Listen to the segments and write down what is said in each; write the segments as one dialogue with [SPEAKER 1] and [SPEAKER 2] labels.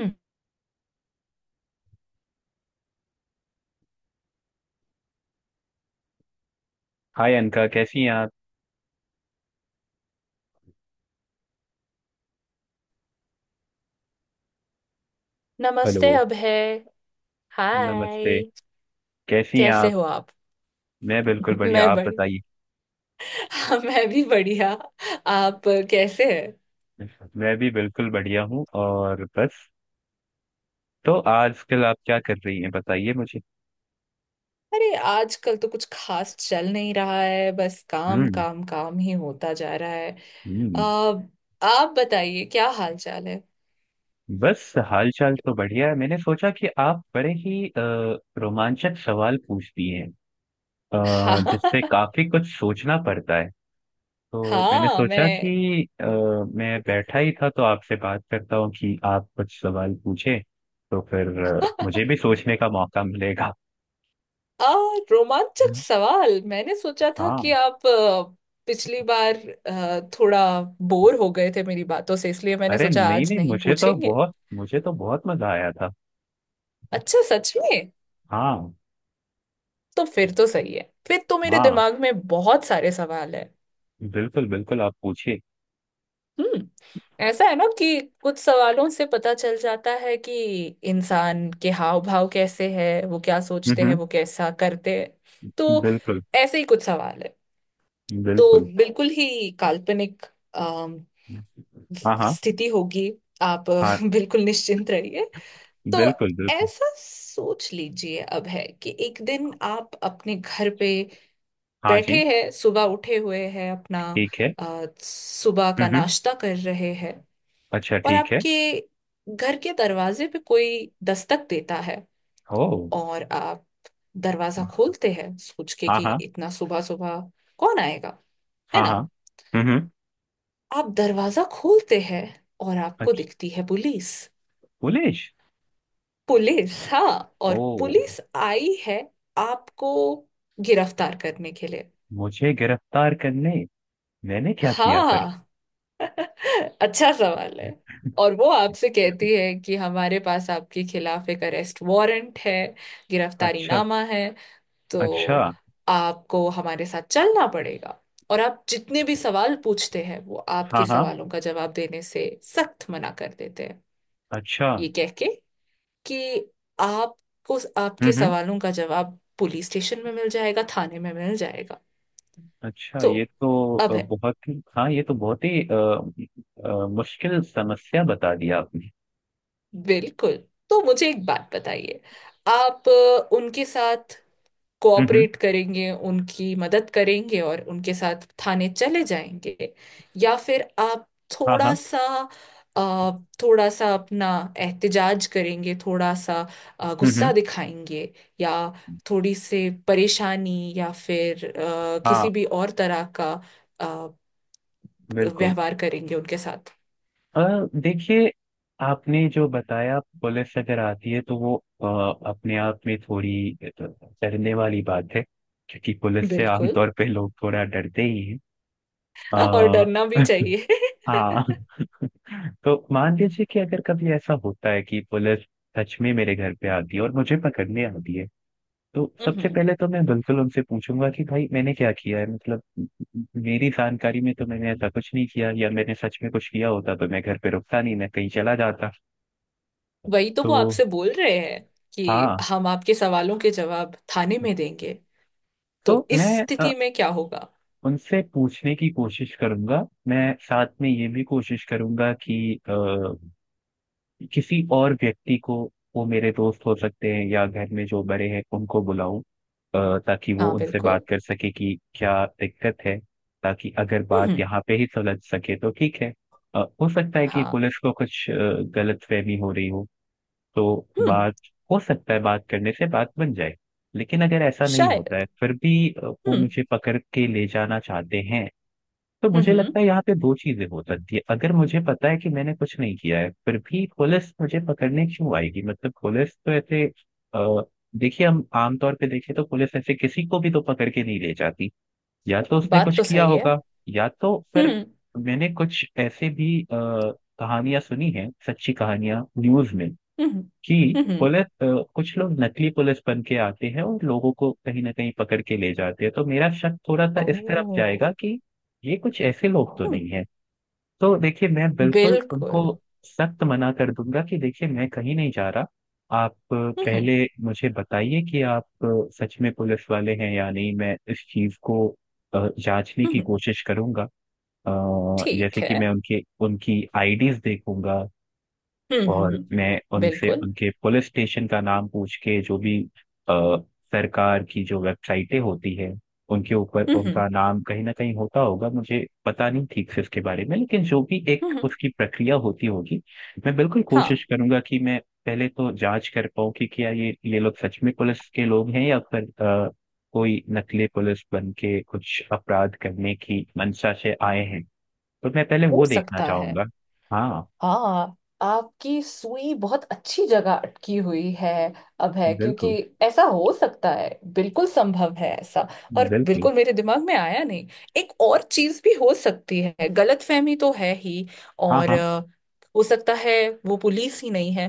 [SPEAKER 1] हम्म।
[SPEAKER 2] Hi अनका, कैसी हैं आप।
[SPEAKER 1] नमस्ते,
[SPEAKER 2] हेलो।
[SPEAKER 1] अभय।
[SPEAKER 2] नमस्ते।
[SPEAKER 1] हाय।
[SPEAKER 2] कैसी हैं
[SPEAKER 1] कैसे
[SPEAKER 2] आप।
[SPEAKER 1] हो आप?
[SPEAKER 2] मैं बिल्कुल बढ़िया।
[SPEAKER 1] मैं
[SPEAKER 2] आप
[SPEAKER 1] बड़ी।
[SPEAKER 2] बताइए।
[SPEAKER 1] हाँ, मैं भी बढ़िया। आप कैसे हैं?
[SPEAKER 2] मैं भी बिल्कुल बढ़िया हूँ। और बस तो आजकल आप क्या कर रही हैं बताइए मुझे।
[SPEAKER 1] अरे, आजकल तो कुछ खास चल नहीं रहा है। बस काम
[SPEAKER 2] हम्म।
[SPEAKER 1] काम काम ही होता जा रहा है। आ,
[SPEAKER 2] हम्म।
[SPEAKER 1] आप बताइए, क्या हाल चाल है?
[SPEAKER 2] बस हाल चाल तो बढ़िया है। मैंने सोचा कि आप बड़े ही रोमांचक सवाल पूछती हैं,
[SPEAKER 1] हाँ
[SPEAKER 2] जिससे काफी कुछ सोचना पड़ता है। तो मैंने
[SPEAKER 1] हाँ,
[SPEAKER 2] सोचा
[SPEAKER 1] मैं।
[SPEAKER 2] कि मैं बैठा ही था तो आपसे बात करता हूँ कि आप कुछ सवाल पूछे, तो फिर मुझे भी सोचने का मौका मिलेगा।
[SPEAKER 1] आ, रोमांचक
[SPEAKER 2] हम्म।
[SPEAKER 1] सवाल, मैंने सोचा था कि
[SPEAKER 2] हाँ।
[SPEAKER 1] आप पिछली बार थोड़ा बोर हो गए थे मेरी बातों से, इसलिए मैंने
[SPEAKER 2] अरे
[SPEAKER 1] सोचा
[SPEAKER 2] नहीं
[SPEAKER 1] आज
[SPEAKER 2] नहीं,
[SPEAKER 1] नहीं
[SPEAKER 2] मुझे तो
[SPEAKER 1] पूछेंगे।
[SPEAKER 2] बहुत मुझे तो बहुत मजा आया था।
[SPEAKER 1] अच्छा, सच में?
[SPEAKER 2] हाँ।
[SPEAKER 1] तो फिर तो सही है। फिर तो मेरे
[SPEAKER 2] हाँ।
[SPEAKER 1] दिमाग में बहुत सारे सवाल है।
[SPEAKER 2] बिल्कुल बिल्कुल, आप पूछिए।
[SPEAKER 1] हम्म। ऐसा है ना कि कुछ सवालों से पता चल जाता है कि इंसान के हाव भाव कैसे है, वो क्या
[SPEAKER 2] हम्म।
[SPEAKER 1] सोचते हैं,
[SPEAKER 2] हम्म।
[SPEAKER 1] वो कैसा करते हैं। तो
[SPEAKER 2] बिल्कुल
[SPEAKER 1] ऐसे ही कुछ सवाल है। तो
[SPEAKER 2] बिल्कुल।
[SPEAKER 1] बिल्कुल ही काल्पनिक अम,
[SPEAKER 2] हाँ। हाँ।
[SPEAKER 1] स्थिति होगी। आप
[SPEAKER 2] हाँ।
[SPEAKER 1] बिल्कुल निश्चिंत रहिए। तो
[SPEAKER 2] बिल्कुल बिल्कुल।
[SPEAKER 1] ऐसा सोच लीजिए, अब है कि एक दिन आप अपने घर पे
[SPEAKER 2] हाँ जी।
[SPEAKER 1] बैठे हैं, सुबह उठे हुए हैं, अपना
[SPEAKER 2] ठीक है।
[SPEAKER 1] सुबह का
[SPEAKER 2] हम्म। हम्म।
[SPEAKER 1] नाश्ता कर रहे हैं।
[SPEAKER 2] अच्छा,
[SPEAKER 1] और
[SPEAKER 2] ठीक है।
[SPEAKER 1] आपके घर के दरवाजे पे कोई दस्तक देता है।
[SPEAKER 2] ओ।
[SPEAKER 1] और आप दरवाजा खोलते हैं, सोच के
[SPEAKER 2] हाँ।
[SPEAKER 1] कि
[SPEAKER 2] हाँ।
[SPEAKER 1] इतना सुबह सुबह कौन आएगा, है
[SPEAKER 2] हाँ।
[SPEAKER 1] ना।
[SPEAKER 2] हाँ। हम्म। हम्म।
[SPEAKER 1] आप दरवाजा खोलते हैं, और आपको
[SPEAKER 2] अच्छा।
[SPEAKER 1] दिखती है पुलिस।
[SPEAKER 2] पुलिस?
[SPEAKER 1] पुलिस, हाँ।
[SPEAKER 2] ओ।
[SPEAKER 1] और पुलिस आई है आपको गिरफ्तार करने के लिए।
[SPEAKER 2] मुझे गिरफ्तार करने? मैंने क्या किया पर?
[SPEAKER 1] हाँ, अच्छा सवाल है। और वो आपसे कहती है कि हमारे पास आपके खिलाफ एक अरेस्ट वारंट है, गिरफ्तारी
[SPEAKER 2] अच्छा।
[SPEAKER 1] नामा है।
[SPEAKER 2] अच्छा।
[SPEAKER 1] तो आपको हमारे साथ चलना पड़ेगा। और आप जितने भी सवाल पूछते हैं, वो
[SPEAKER 2] हाँ
[SPEAKER 1] आपके
[SPEAKER 2] हाँ।
[SPEAKER 1] सवालों का जवाब देने से सख्त मना कर देते हैं।
[SPEAKER 2] अच्छा।
[SPEAKER 1] ये कह के कि आपको
[SPEAKER 2] हम्म।
[SPEAKER 1] आपके
[SPEAKER 2] हम्म।
[SPEAKER 1] सवालों का जवाब पुलिस स्टेशन में मिल जाएगा, थाने में मिल जाएगा।
[SPEAKER 2] अच्छा,
[SPEAKER 1] तो
[SPEAKER 2] ये तो
[SPEAKER 1] अब है।
[SPEAKER 2] बहुत ही, हाँ ये तो बहुत ही मुश्किल समस्या बता दिया आपने।
[SPEAKER 1] बिल्कुल। तो मुझे एक बात बताइए। आप उनके साथ
[SPEAKER 2] हम्म। हम्म।
[SPEAKER 1] कोऑपरेट करेंगे, उनकी मदद करेंगे और उनके साथ थाने चले जाएंगे? या फिर आप
[SPEAKER 2] हाँ
[SPEAKER 1] थोड़ा
[SPEAKER 2] हाँ।
[SPEAKER 1] सा अ, थोड़ा सा अपना एहतिजाज करेंगे, थोड़ा सा
[SPEAKER 2] हम्म।
[SPEAKER 1] गुस्सा
[SPEAKER 2] हम्म।
[SPEAKER 1] दिखाएंगे? या थोड़ी से परेशानी? या फिर
[SPEAKER 2] हाँ।
[SPEAKER 1] किसी भी और तरह का अ,
[SPEAKER 2] बिल्कुल।
[SPEAKER 1] व्यवहार करेंगे उनके साथ?
[SPEAKER 2] अ, देखिए, आपने जो बताया पुलिस अगर आती है तो वो अ, अपने आप में थोड़ी डरने वाली बात है, क्योंकि पुलिस से
[SPEAKER 1] बिल्कुल।
[SPEAKER 2] आमतौर पे लोग थोड़ा डरते ही हैं।
[SPEAKER 1] और
[SPEAKER 2] अ,
[SPEAKER 1] डरना भी चाहिए।
[SPEAKER 2] हाँ। तो मान लीजिए कि अगर कभी ऐसा होता है कि पुलिस सच में मेरे घर पे आती है और मुझे पकड़ने आती है, तो सबसे
[SPEAKER 1] हम्म।
[SPEAKER 2] पहले तो मैं बिल्कुल उनसे पूछूंगा कि भाई मैंने क्या किया है। मतलब मेरी जानकारी में तो मैंने ऐसा कुछ नहीं किया, या मैंने सच में कुछ किया होता तो मैं घर पे रुकता नहीं, मैं कहीं चला जाता।
[SPEAKER 1] वही तो वो
[SPEAKER 2] तो
[SPEAKER 1] आपसे बोल रहे हैं कि
[SPEAKER 2] हाँ,
[SPEAKER 1] हम आपके सवालों के जवाब थाने में देंगे।
[SPEAKER 2] तो
[SPEAKER 1] तो इस
[SPEAKER 2] मैं
[SPEAKER 1] स्थिति में क्या होगा?
[SPEAKER 2] उनसे पूछने की कोशिश करूंगा। मैं साथ में ये भी कोशिश करूंगा कि किसी और व्यक्ति को, वो मेरे दोस्त हो सकते हैं या घर में जो बड़े हैं, उनको बुलाऊं, ताकि वो
[SPEAKER 1] हाँ,
[SPEAKER 2] उनसे बात
[SPEAKER 1] बिल्कुल।
[SPEAKER 2] कर सके कि क्या दिक्कत है। ताकि अगर
[SPEAKER 1] हम्म
[SPEAKER 2] बात
[SPEAKER 1] हम्म,
[SPEAKER 2] यहाँ पे ही सुलझ सके तो ठीक है। हो सकता है कि
[SPEAKER 1] हाँ।
[SPEAKER 2] पुलिस को कुछ गलतफहमी हो रही हो, तो
[SPEAKER 1] हम्म।
[SPEAKER 2] बात, हो सकता है बात करने से बात बन जाए। लेकिन अगर ऐसा नहीं होता
[SPEAKER 1] शायद।
[SPEAKER 2] है, फिर भी वो
[SPEAKER 1] हम्म
[SPEAKER 2] मुझे पकड़ के ले जाना चाहते हैं, तो
[SPEAKER 1] हम्म।
[SPEAKER 2] मुझे लगता है यहाँ पे दो चीजें हो सकती है। अगर मुझे पता है कि मैंने कुछ नहीं किया है, फिर भी पुलिस मुझे पकड़ने क्यों आएगी। मतलब पुलिस तो ऐसे, अ, देखिए, हम आमतौर पे देखें तो पुलिस ऐसे किसी को भी तो पकड़ के नहीं ले जाती। या तो उसने
[SPEAKER 1] बात
[SPEAKER 2] कुछ
[SPEAKER 1] तो
[SPEAKER 2] किया
[SPEAKER 1] सही है।
[SPEAKER 2] होगा, या तो फिर
[SPEAKER 1] हम्म
[SPEAKER 2] मैंने कुछ ऐसे भी कहानियां सुनी हैं, सच्ची कहानियां न्यूज में
[SPEAKER 1] हम्म।
[SPEAKER 2] जी।
[SPEAKER 1] हम्म हम्म,
[SPEAKER 2] पुलिस, कुछ लोग नकली पुलिस बन के आते हैं और लोगों को कहीं ना कहीं पकड़ के ले जाते हैं, तो मेरा शक थोड़ा सा इस तरफ
[SPEAKER 1] ओह।
[SPEAKER 2] जाएगा कि ये कुछ ऐसे लोग तो
[SPEAKER 1] हम्म।
[SPEAKER 2] नहीं है। तो देखिए, मैं बिल्कुल उनको
[SPEAKER 1] बिल्कुल।
[SPEAKER 2] सख्त मना कर दूंगा कि देखिए मैं कहीं नहीं जा रहा। आप
[SPEAKER 1] हम्म
[SPEAKER 2] पहले मुझे बताइए कि आप सच में पुलिस वाले हैं या नहीं। मैं इस चीज को जांचने की
[SPEAKER 1] हम्म।
[SPEAKER 2] कोशिश करूंगा। अ,
[SPEAKER 1] ठीक
[SPEAKER 2] जैसे
[SPEAKER 1] है।
[SPEAKER 2] कि मैं उनके, उनकी आईडीज देखूंगा, और
[SPEAKER 1] हम्म।
[SPEAKER 2] मैं उनसे
[SPEAKER 1] बिल्कुल।
[SPEAKER 2] उनके पुलिस स्टेशन का नाम पूछ के, जो भी अ, सरकार की जो वेबसाइटें होती है उनके ऊपर
[SPEAKER 1] हम्म
[SPEAKER 2] उनका नाम कहीं ना कहीं होता होगा, मुझे पता नहीं ठीक से उसके बारे में, लेकिन जो भी एक
[SPEAKER 1] हम्म।
[SPEAKER 2] उसकी प्रक्रिया होती होगी, मैं बिल्कुल
[SPEAKER 1] हाँ,
[SPEAKER 2] कोशिश करूंगा कि मैं पहले तो जांच कर पाऊँ कि क्या ये लोग सच में पुलिस के लोग हैं, या फिर कोई नकली पुलिस बन के कुछ अपराध करने की मंशा से आए हैं। तो मैं पहले
[SPEAKER 1] हो
[SPEAKER 2] वो देखना
[SPEAKER 1] सकता है।
[SPEAKER 2] चाहूंगा। हाँ।
[SPEAKER 1] हाँ। आपकी सुई बहुत अच्छी जगह अटकी हुई है, अब है, क्योंकि
[SPEAKER 2] बिल्कुल
[SPEAKER 1] ऐसा हो सकता है। बिल्कुल संभव है ऐसा। और
[SPEAKER 2] बिल्कुल।
[SPEAKER 1] बिल्कुल मेरे दिमाग में आया नहीं। एक और चीज भी हो सकती है, गलतफहमी तो है ही।
[SPEAKER 2] हाँ।
[SPEAKER 1] और
[SPEAKER 2] हाँ।
[SPEAKER 1] हो सकता है वो पुलिस ही नहीं है।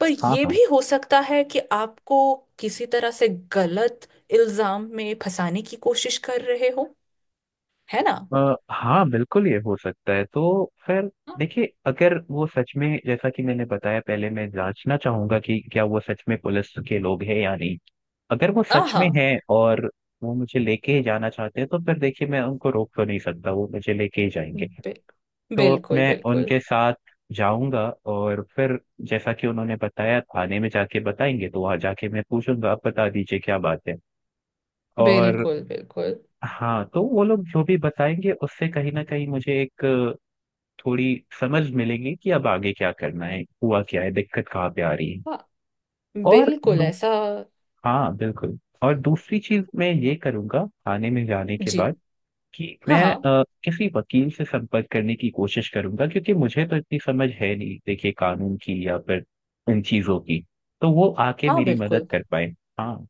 [SPEAKER 1] पर
[SPEAKER 2] हाँ।
[SPEAKER 1] ये
[SPEAKER 2] हाँ।
[SPEAKER 1] भी हो सकता है कि आपको किसी तरह से गलत इल्जाम में फंसाने की कोशिश कर रहे हो, है ना।
[SPEAKER 2] हाँ बिल्कुल, ये हो सकता है। तो फिर देखिए, अगर वो सच में, जैसा कि मैंने बताया पहले मैं जांचना चाहूंगा कि क्या वो सच में पुलिस के लोग हैं या नहीं। अगर वो
[SPEAKER 1] हाँ
[SPEAKER 2] सच में
[SPEAKER 1] हाँ,
[SPEAKER 2] हैं और वो मुझे लेके ही जाना चाहते हैं, तो फिर देखिए मैं उनको रोक तो नहीं सकता, वो मुझे लेके ही जाएंगे।
[SPEAKER 1] बिल,
[SPEAKER 2] तो
[SPEAKER 1] बिल्कुल
[SPEAKER 2] मैं
[SPEAKER 1] बिल्कुल।
[SPEAKER 2] उनके साथ जाऊंगा, और फिर जैसा कि उन्होंने बताया थाने में जाके बताएंगे, तो वहां जाके मैं पूछूंगा आप बता दीजिए क्या बात है। और
[SPEAKER 1] बिल्कुल बिल्कुल।
[SPEAKER 2] हाँ, तो वो लोग जो भी बताएंगे उससे कहीं ना कहीं मुझे एक थोड़ी समझ मिलेगी कि अब आगे क्या करना है, हुआ क्या है, दिक्कत कहाँ पे आ रही है।
[SPEAKER 1] हाँ,
[SPEAKER 2] और
[SPEAKER 1] बिल्कुल ऐसा।
[SPEAKER 2] हाँ बिल्कुल, और दूसरी चीज मैं ये करूंगा थाने में जाने के
[SPEAKER 1] जी।
[SPEAKER 2] बाद कि
[SPEAKER 1] हाँ
[SPEAKER 2] मैं
[SPEAKER 1] हाँ।
[SPEAKER 2] किसी वकील से संपर्क करने की कोशिश करूंगा, क्योंकि मुझे तो इतनी समझ है नहीं देखिए, कानून की या फिर इन चीजों की, तो वो आके
[SPEAKER 1] हाँ,
[SPEAKER 2] मेरी मदद
[SPEAKER 1] बिल्कुल।
[SPEAKER 2] कर पाए। हाँ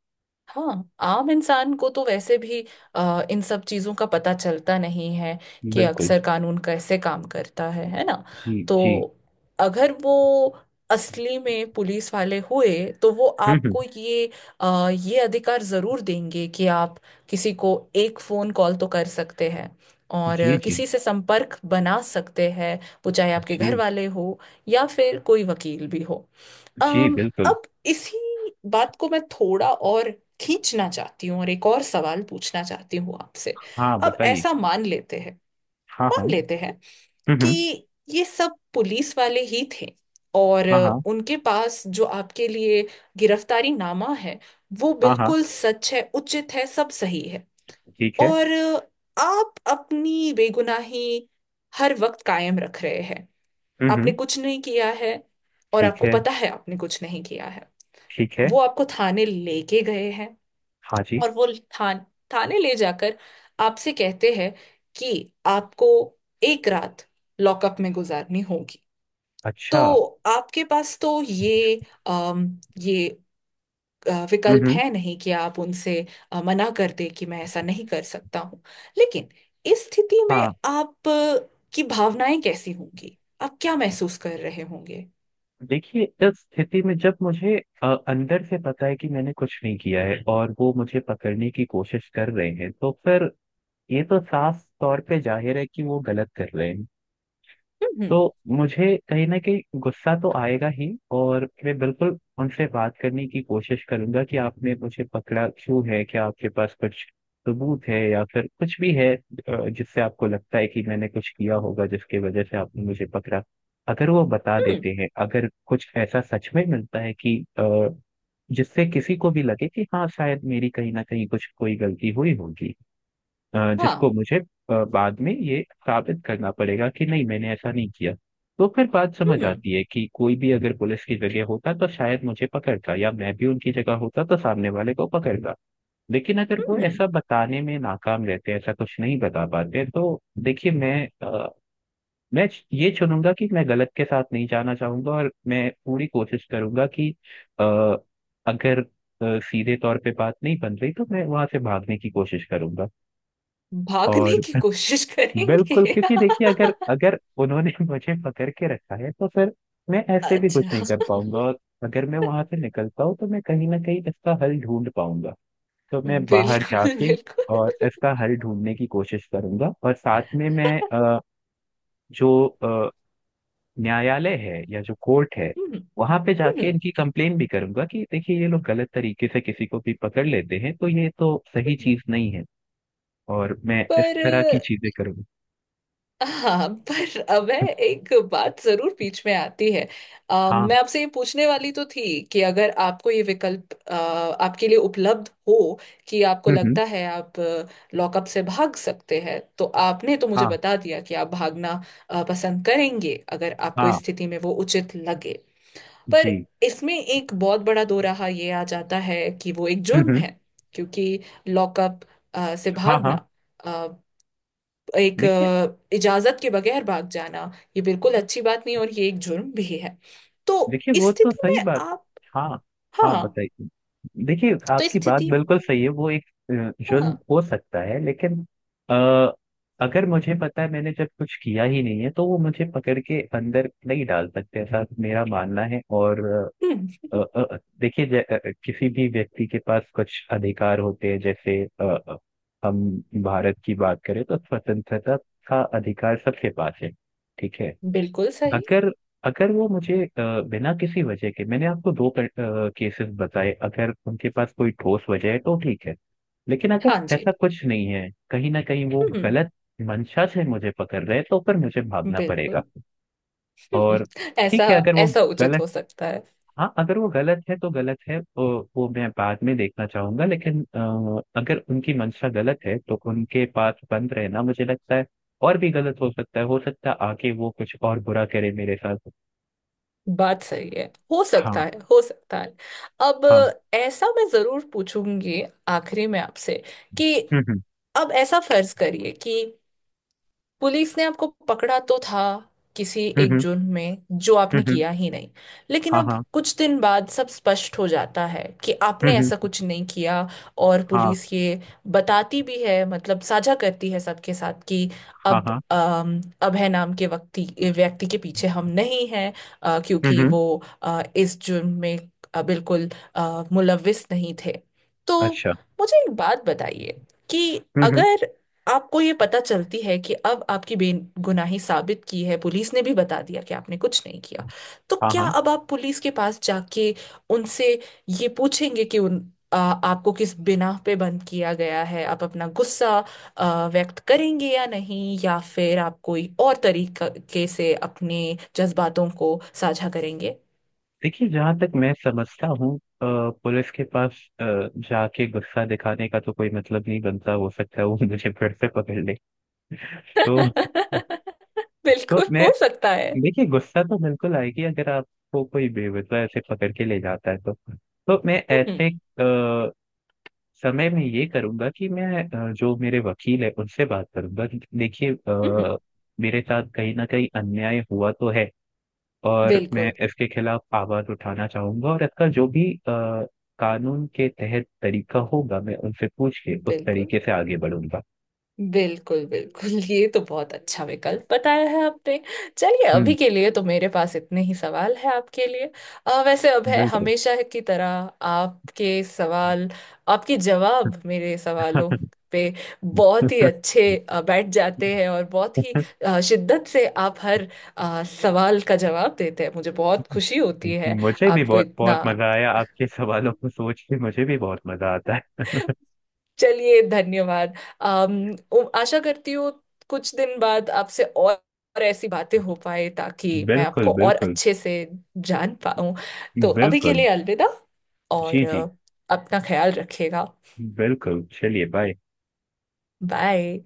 [SPEAKER 1] हाँ, आम इंसान को तो वैसे भी इन सब चीजों का पता चलता नहीं है कि
[SPEAKER 2] बिल्कुल।
[SPEAKER 1] अक्सर कानून कैसे काम करता है ना।
[SPEAKER 2] जी।
[SPEAKER 1] तो
[SPEAKER 2] जी।
[SPEAKER 1] अगर वो असली में पुलिस वाले हुए, तो वो
[SPEAKER 2] हम्म। हम्म।
[SPEAKER 1] आपको ये अधिकार जरूर देंगे कि आप किसी को एक फोन कॉल तो कर सकते हैं और
[SPEAKER 2] जी। जी।
[SPEAKER 1] किसी से संपर्क बना सकते हैं। वो चाहे आपके घर
[SPEAKER 2] जी।
[SPEAKER 1] वाले हो, या फिर कोई वकील भी हो।
[SPEAKER 2] जी।
[SPEAKER 1] अम,
[SPEAKER 2] बिल्कुल।
[SPEAKER 1] अब इसी बात को मैं थोड़ा और खींचना चाहती हूँ और एक और सवाल पूछना चाहती हूँ आपसे।
[SPEAKER 2] हाँ
[SPEAKER 1] अब
[SPEAKER 2] बताइए।
[SPEAKER 1] ऐसा मान लेते हैं,
[SPEAKER 2] हाँ। हाँ।
[SPEAKER 1] मान लेते हैं
[SPEAKER 2] हम्म।
[SPEAKER 1] कि
[SPEAKER 2] हम्म।
[SPEAKER 1] ये सब पुलिस वाले ही थे। और
[SPEAKER 2] हाँ। हाँ।
[SPEAKER 1] उनके पास जो आपके लिए गिरफ्तारी नामा है, वो
[SPEAKER 2] हाँ। हाँ।
[SPEAKER 1] बिल्कुल सच है, उचित है, सब सही है।
[SPEAKER 2] ठीक है।
[SPEAKER 1] और आप अपनी बेगुनाही हर वक्त कायम रख रहे हैं।
[SPEAKER 2] हम्म।
[SPEAKER 1] आपने
[SPEAKER 2] हम्म।
[SPEAKER 1] कुछ नहीं किया है, और
[SPEAKER 2] ठीक
[SPEAKER 1] आपको
[SPEAKER 2] है।
[SPEAKER 1] पता है आपने कुछ नहीं किया है।
[SPEAKER 2] ठीक है।
[SPEAKER 1] वो आपको थाने लेके गए हैं।
[SPEAKER 2] हाँ जी।
[SPEAKER 1] और वो थान थाने ले जाकर आपसे कहते हैं कि आपको एक रात लॉकअप में गुजारनी होगी। तो
[SPEAKER 2] अच्छा।
[SPEAKER 1] आपके पास तो ये
[SPEAKER 2] हम्म।
[SPEAKER 1] विकल्प
[SPEAKER 2] हम्म।
[SPEAKER 1] है नहीं कि आप उनसे मना कर दे कि मैं ऐसा नहीं कर सकता हूँ। लेकिन इस स्थिति में
[SPEAKER 2] हाँ।
[SPEAKER 1] आप की भावनाएं कैसी होंगी? आप क्या महसूस कर रहे होंगे?
[SPEAKER 2] देखिए, इस स्थिति में जब मुझे अंदर से पता है कि मैंने कुछ नहीं किया है और वो मुझे पकड़ने की कोशिश कर रहे हैं, तो फिर ये तो साफ तौर पे जाहिर है कि वो गलत कर रहे हैं। तो
[SPEAKER 1] हम्म।
[SPEAKER 2] मुझे कहीं ना कहीं गुस्सा तो आएगा ही, और मैं बिल्कुल उनसे बात करने की कोशिश करूंगा कि आपने मुझे पकड़ा क्यों है, क्या आपके पास कुछ सबूत है या फिर कुछ भी है जिससे आपको लगता है कि मैंने कुछ किया होगा जिसकी वजह से आपने मुझे पकड़ा। अगर वो बता देते
[SPEAKER 1] हम्म,
[SPEAKER 2] हैं, अगर कुछ ऐसा सच में मिलता है कि जिससे किसी को भी लगे कि हाँ शायद मेरी कहीं ना कहीं कुछ कोई गलती हुई होगी, जिसको
[SPEAKER 1] हाँ।
[SPEAKER 2] मुझे बाद में ये साबित करना पड़ेगा कि नहीं मैंने ऐसा नहीं किया, तो फिर बात समझ
[SPEAKER 1] हम्म
[SPEAKER 2] आती है कि कोई भी अगर पुलिस की जगह होता तो शायद मुझे पकड़ता, या मैं भी उनकी जगह होता तो सामने वाले को पकड़ता। लेकिन अगर वो
[SPEAKER 1] हम्म। हम्म,
[SPEAKER 2] ऐसा बताने में नाकाम रहते हैं, ऐसा कुछ नहीं बता पाते, तो देखिए मैं मैं ये चुनूंगा कि मैं गलत के साथ नहीं जाना चाहूंगा, और मैं पूरी कोशिश करूंगा कि अ, अगर सीधे तौर पे बात नहीं बन रही तो मैं वहां से भागने की कोशिश करूंगा। और
[SPEAKER 1] भागने की कोशिश
[SPEAKER 2] बिल्कुल,
[SPEAKER 1] करेंगे?
[SPEAKER 2] क्योंकि देखिए अगर, उन्होंने मुझे पकड़ के रखा है तो फिर मैं ऐसे भी कुछ
[SPEAKER 1] अच्छा।
[SPEAKER 2] नहीं कर पाऊंगा, और अगर मैं वहां से निकलता हूँ तो मैं कहीं ना कहीं इसका हल ढूंढ पाऊंगा। तो मैं बाहर
[SPEAKER 1] बिल्कुल
[SPEAKER 2] जाके
[SPEAKER 1] बिल्कुल।
[SPEAKER 2] और इसका हल ढूंढने की कोशिश करूंगा, और साथ में मैं जो अ, न्यायालय है या जो कोर्ट है,
[SPEAKER 1] हम्म,
[SPEAKER 2] वहां पे जाके
[SPEAKER 1] हम्म।
[SPEAKER 2] इनकी कंप्लेन भी करूंगा कि देखिए ये लोग गलत तरीके से किसी को भी पकड़ लेते हैं, तो ये तो सही
[SPEAKER 1] हम्म।
[SPEAKER 2] चीज नहीं है। और मैं इस
[SPEAKER 1] पर,
[SPEAKER 2] तरह की चीजें करूंगा।
[SPEAKER 1] हाँ, पर अब है एक बात जरूर बीच में आती है।
[SPEAKER 2] हाँ।
[SPEAKER 1] मैं आपसे ये पूछने वाली तो थी कि अगर आपको ये विकल्प आपके लिए उपलब्ध हो कि आपको
[SPEAKER 2] हम्म। हम्म।
[SPEAKER 1] लगता है आप लॉकअप से भाग सकते हैं, तो आपने तो मुझे
[SPEAKER 2] हाँ।
[SPEAKER 1] बता दिया कि आप भागना पसंद करेंगे, अगर आपको
[SPEAKER 2] हाँ
[SPEAKER 1] इस स्थिति में वो उचित लगे। पर
[SPEAKER 2] जी।
[SPEAKER 1] इसमें एक बहुत बड़ा दो राह ये आ जाता है कि वो एक
[SPEAKER 2] हम्म।
[SPEAKER 1] जुर्म
[SPEAKER 2] हम्म।
[SPEAKER 1] है। क्योंकि लॉकअप से
[SPEAKER 2] हाँ।
[SPEAKER 1] भागना,
[SPEAKER 2] हाँ।
[SPEAKER 1] अ, एक
[SPEAKER 2] देखिए,
[SPEAKER 1] इजाजत के बगैर भाग जाना, ये बिल्कुल अच्छी बात नहीं, और ये एक जुर्म भी है। तो
[SPEAKER 2] देखिए
[SPEAKER 1] इस
[SPEAKER 2] वो तो
[SPEAKER 1] स्थिति
[SPEAKER 2] सही
[SPEAKER 1] में
[SPEAKER 2] बात,
[SPEAKER 1] आप।
[SPEAKER 2] हाँ
[SPEAKER 1] हाँ
[SPEAKER 2] हाँ
[SPEAKER 1] हाँ।
[SPEAKER 2] बताइए। देखिए,
[SPEAKER 1] तो इस
[SPEAKER 2] आपकी बात
[SPEAKER 1] स्थिति
[SPEAKER 2] बिल्कुल
[SPEAKER 1] में।
[SPEAKER 2] सही है, वो एक
[SPEAKER 1] हाँ
[SPEAKER 2] जुर्म
[SPEAKER 1] हाँ।
[SPEAKER 2] हो सकता है, लेकिन आ, अगर मुझे पता है मैंने जब कुछ किया ही नहीं है, तो वो मुझे पकड़ के अंदर नहीं डाल सकते, ऐसा मेरा मानना है। और
[SPEAKER 1] हम्म,
[SPEAKER 2] देखिए किसी भी व्यक्ति के पास कुछ अधिकार होते हैं, जैसे हम, भारत की बात करें तो स्वतंत्रता का अधिकार सबके पास है। ठीक है,
[SPEAKER 1] बिल्कुल सही।
[SPEAKER 2] अगर अगर वो मुझे बिना किसी वजह के, मैंने आपको दो केसेस बताए, अगर उनके पास कोई ठोस वजह है तो ठीक है, लेकिन अगर
[SPEAKER 1] हाँ जी।
[SPEAKER 2] ऐसा कुछ नहीं है, कहीं ना कहीं वो
[SPEAKER 1] हम्म,
[SPEAKER 2] गलत मंशा से मुझे पकड़ रहे हैं, तो फिर मुझे भागना पड़ेगा।
[SPEAKER 1] बिल्कुल। हम्म,
[SPEAKER 2] और
[SPEAKER 1] ऐसा,
[SPEAKER 2] ठीक है अगर वो
[SPEAKER 1] ऐसा उचित
[SPEAKER 2] गलत,
[SPEAKER 1] हो सकता है।
[SPEAKER 2] हाँ, अगर वो गलत है तो गलत है, वो मैं बाद में देखना चाहूंगा। लेकिन अगर उनकी मंशा गलत है तो उनके पास बंद रहना मुझे लगता है और भी गलत हो सकता है, हो सकता है आगे वो कुछ और बुरा करे मेरे साथ।
[SPEAKER 1] बात सही है। हो
[SPEAKER 2] हाँ।
[SPEAKER 1] सकता है, हो सकता है। अब
[SPEAKER 2] हाँ।
[SPEAKER 1] ऐसा मैं जरूर पूछूंगी आखिरी में आपसे कि,
[SPEAKER 2] हम्म। हम्म।
[SPEAKER 1] अब ऐसा फर्ज करिए कि पुलिस ने आपको पकड़ा तो था किसी एक
[SPEAKER 2] हम्म।
[SPEAKER 1] जुर्म में, जो
[SPEAKER 2] हम्म।
[SPEAKER 1] आपने
[SPEAKER 2] हम्म।
[SPEAKER 1] किया ही नहीं। लेकिन
[SPEAKER 2] हाँ।
[SPEAKER 1] अब
[SPEAKER 2] हाँ।
[SPEAKER 1] कुछ दिन बाद सब स्पष्ट हो जाता है कि आपने
[SPEAKER 2] हम्म।
[SPEAKER 1] ऐसा
[SPEAKER 2] हम्म।
[SPEAKER 1] कुछ नहीं किया। और
[SPEAKER 2] हाँ।
[SPEAKER 1] पुलिस ये बताती भी है, मतलब साझा करती है सबके साथ कि
[SPEAKER 2] हाँ।
[SPEAKER 1] अब
[SPEAKER 2] हाँ।
[SPEAKER 1] अभय नाम के व्यक्ति व्यक्ति के पीछे हम नहीं हैं।
[SPEAKER 2] हम्म।
[SPEAKER 1] क्योंकि
[SPEAKER 2] हम्म।
[SPEAKER 1] वो इस जुर्म में बिल्कुल मुलविस नहीं थे। तो
[SPEAKER 2] अच्छा।
[SPEAKER 1] मुझे एक बात बताइए कि
[SPEAKER 2] हम्म।
[SPEAKER 1] अगर आपको ये पता चलती है कि अब आपकी बेगुनाही साबित की है, पुलिस ने भी बता दिया कि आपने कुछ नहीं किया।
[SPEAKER 2] हम्म।
[SPEAKER 1] तो
[SPEAKER 2] हाँ।
[SPEAKER 1] क्या
[SPEAKER 2] हाँ।
[SPEAKER 1] अब आप पुलिस के पास जाके उनसे ये पूछेंगे कि आपको किस बिना पे बंद किया गया है? आप अपना गुस्सा व्यक्त करेंगे या नहीं, या फिर आप कोई और तरीके से अपने जज्बातों को साझा करेंगे?
[SPEAKER 2] देखिए, जहाँ तक मैं समझता हूँ अ, पुलिस के पास जाके गुस्सा दिखाने का तो कोई मतलब नहीं बनता, हो सकता है वो मुझे फिर से पकड़ ले। तो तो
[SPEAKER 1] बिल्कुल,
[SPEAKER 2] मैं,
[SPEAKER 1] हो सकता है।
[SPEAKER 2] देखिए गुस्सा तो बिल्कुल आएगी अगर आपको कोई बेवजह ऐसे पकड़ के ले जाता है तो। तो मैं
[SPEAKER 1] हम्म
[SPEAKER 2] ऐसे समय मैं ये करूंगा कि मैं जो मेरे वकील है उनसे बात करूंगा कि देखिए
[SPEAKER 1] हम्म।
[SPEAKER 2] मेरे साथ कहीं ना कहीं अन्याय हुआ तो है, और मैं
[SPEAKER 1] बिल्कुल
[SPEAKER 2] इसके खिलाफ आवाज उठाना चाहूंगा, और इसका जो भी कानून के तहत तरीका होगा, मैं उनसे पूछ के उस
[SPEAKER 1] बिल्कुल।
[SPEAKER 2] तरीके से आगे बढ़ूंगा।
[SPEAKER 1] बिल्कुल बिल्कुल। ये तो बहुत अच्छा विकल्प बताया है आपने। चलिए,
[SPEAKER 2] हम्म।
[SPEAKER 1] अभी के लिए तो मेरे पास इतने ही सवाल है आपके लिए। वैसे अब है,
[SPEAKER 2] बिल्कुल।
[SPEAKER 1] हमेशा की तरह आपके सवाल, आपके जवाब मेरे सवालों पे बहुत ही अच्छे बैठ जाते हैं, और बहुत ही शिद्दत से आप हर सवाल का जवाब देते हैं, मुझे बहुत खुशी होती है।
[SPEAKER 2] मुझे भी
[SPEAKER 1] आपको
[SPEAKER 2] बहुत
[SPEAKER 1] इतना।
[SPEAKER 2] बहुत मजा आया, आपके सवालों को सोच के मुझे भी बहुत मजा आता है।
[SPEAKER 1] चलिए, धन्यवाद। आशा करती हूँ कुछ दिन बाद आपसे और ऐसी बातें हो पाए, ताकि मैं
[SPEAKER 2] बिल्कुल
[SPEAKER 1] आपको और
[SPEAKER 2] बिल्कुल।
[SPEAKER 1] अच्छे से जान पाऊं। तो अभी के
[SPEAKER 2] बिल्कुल।
[SPEAKER 1] लिए अलविदा। और
[SPEAKER 2] जी। जी।
[SPEAKER 1] अपना ख्याल रखिएगा।
[SPEAKER 2] बिल्कुल, चलिए बाय।
[SPEAKER 1] बाय।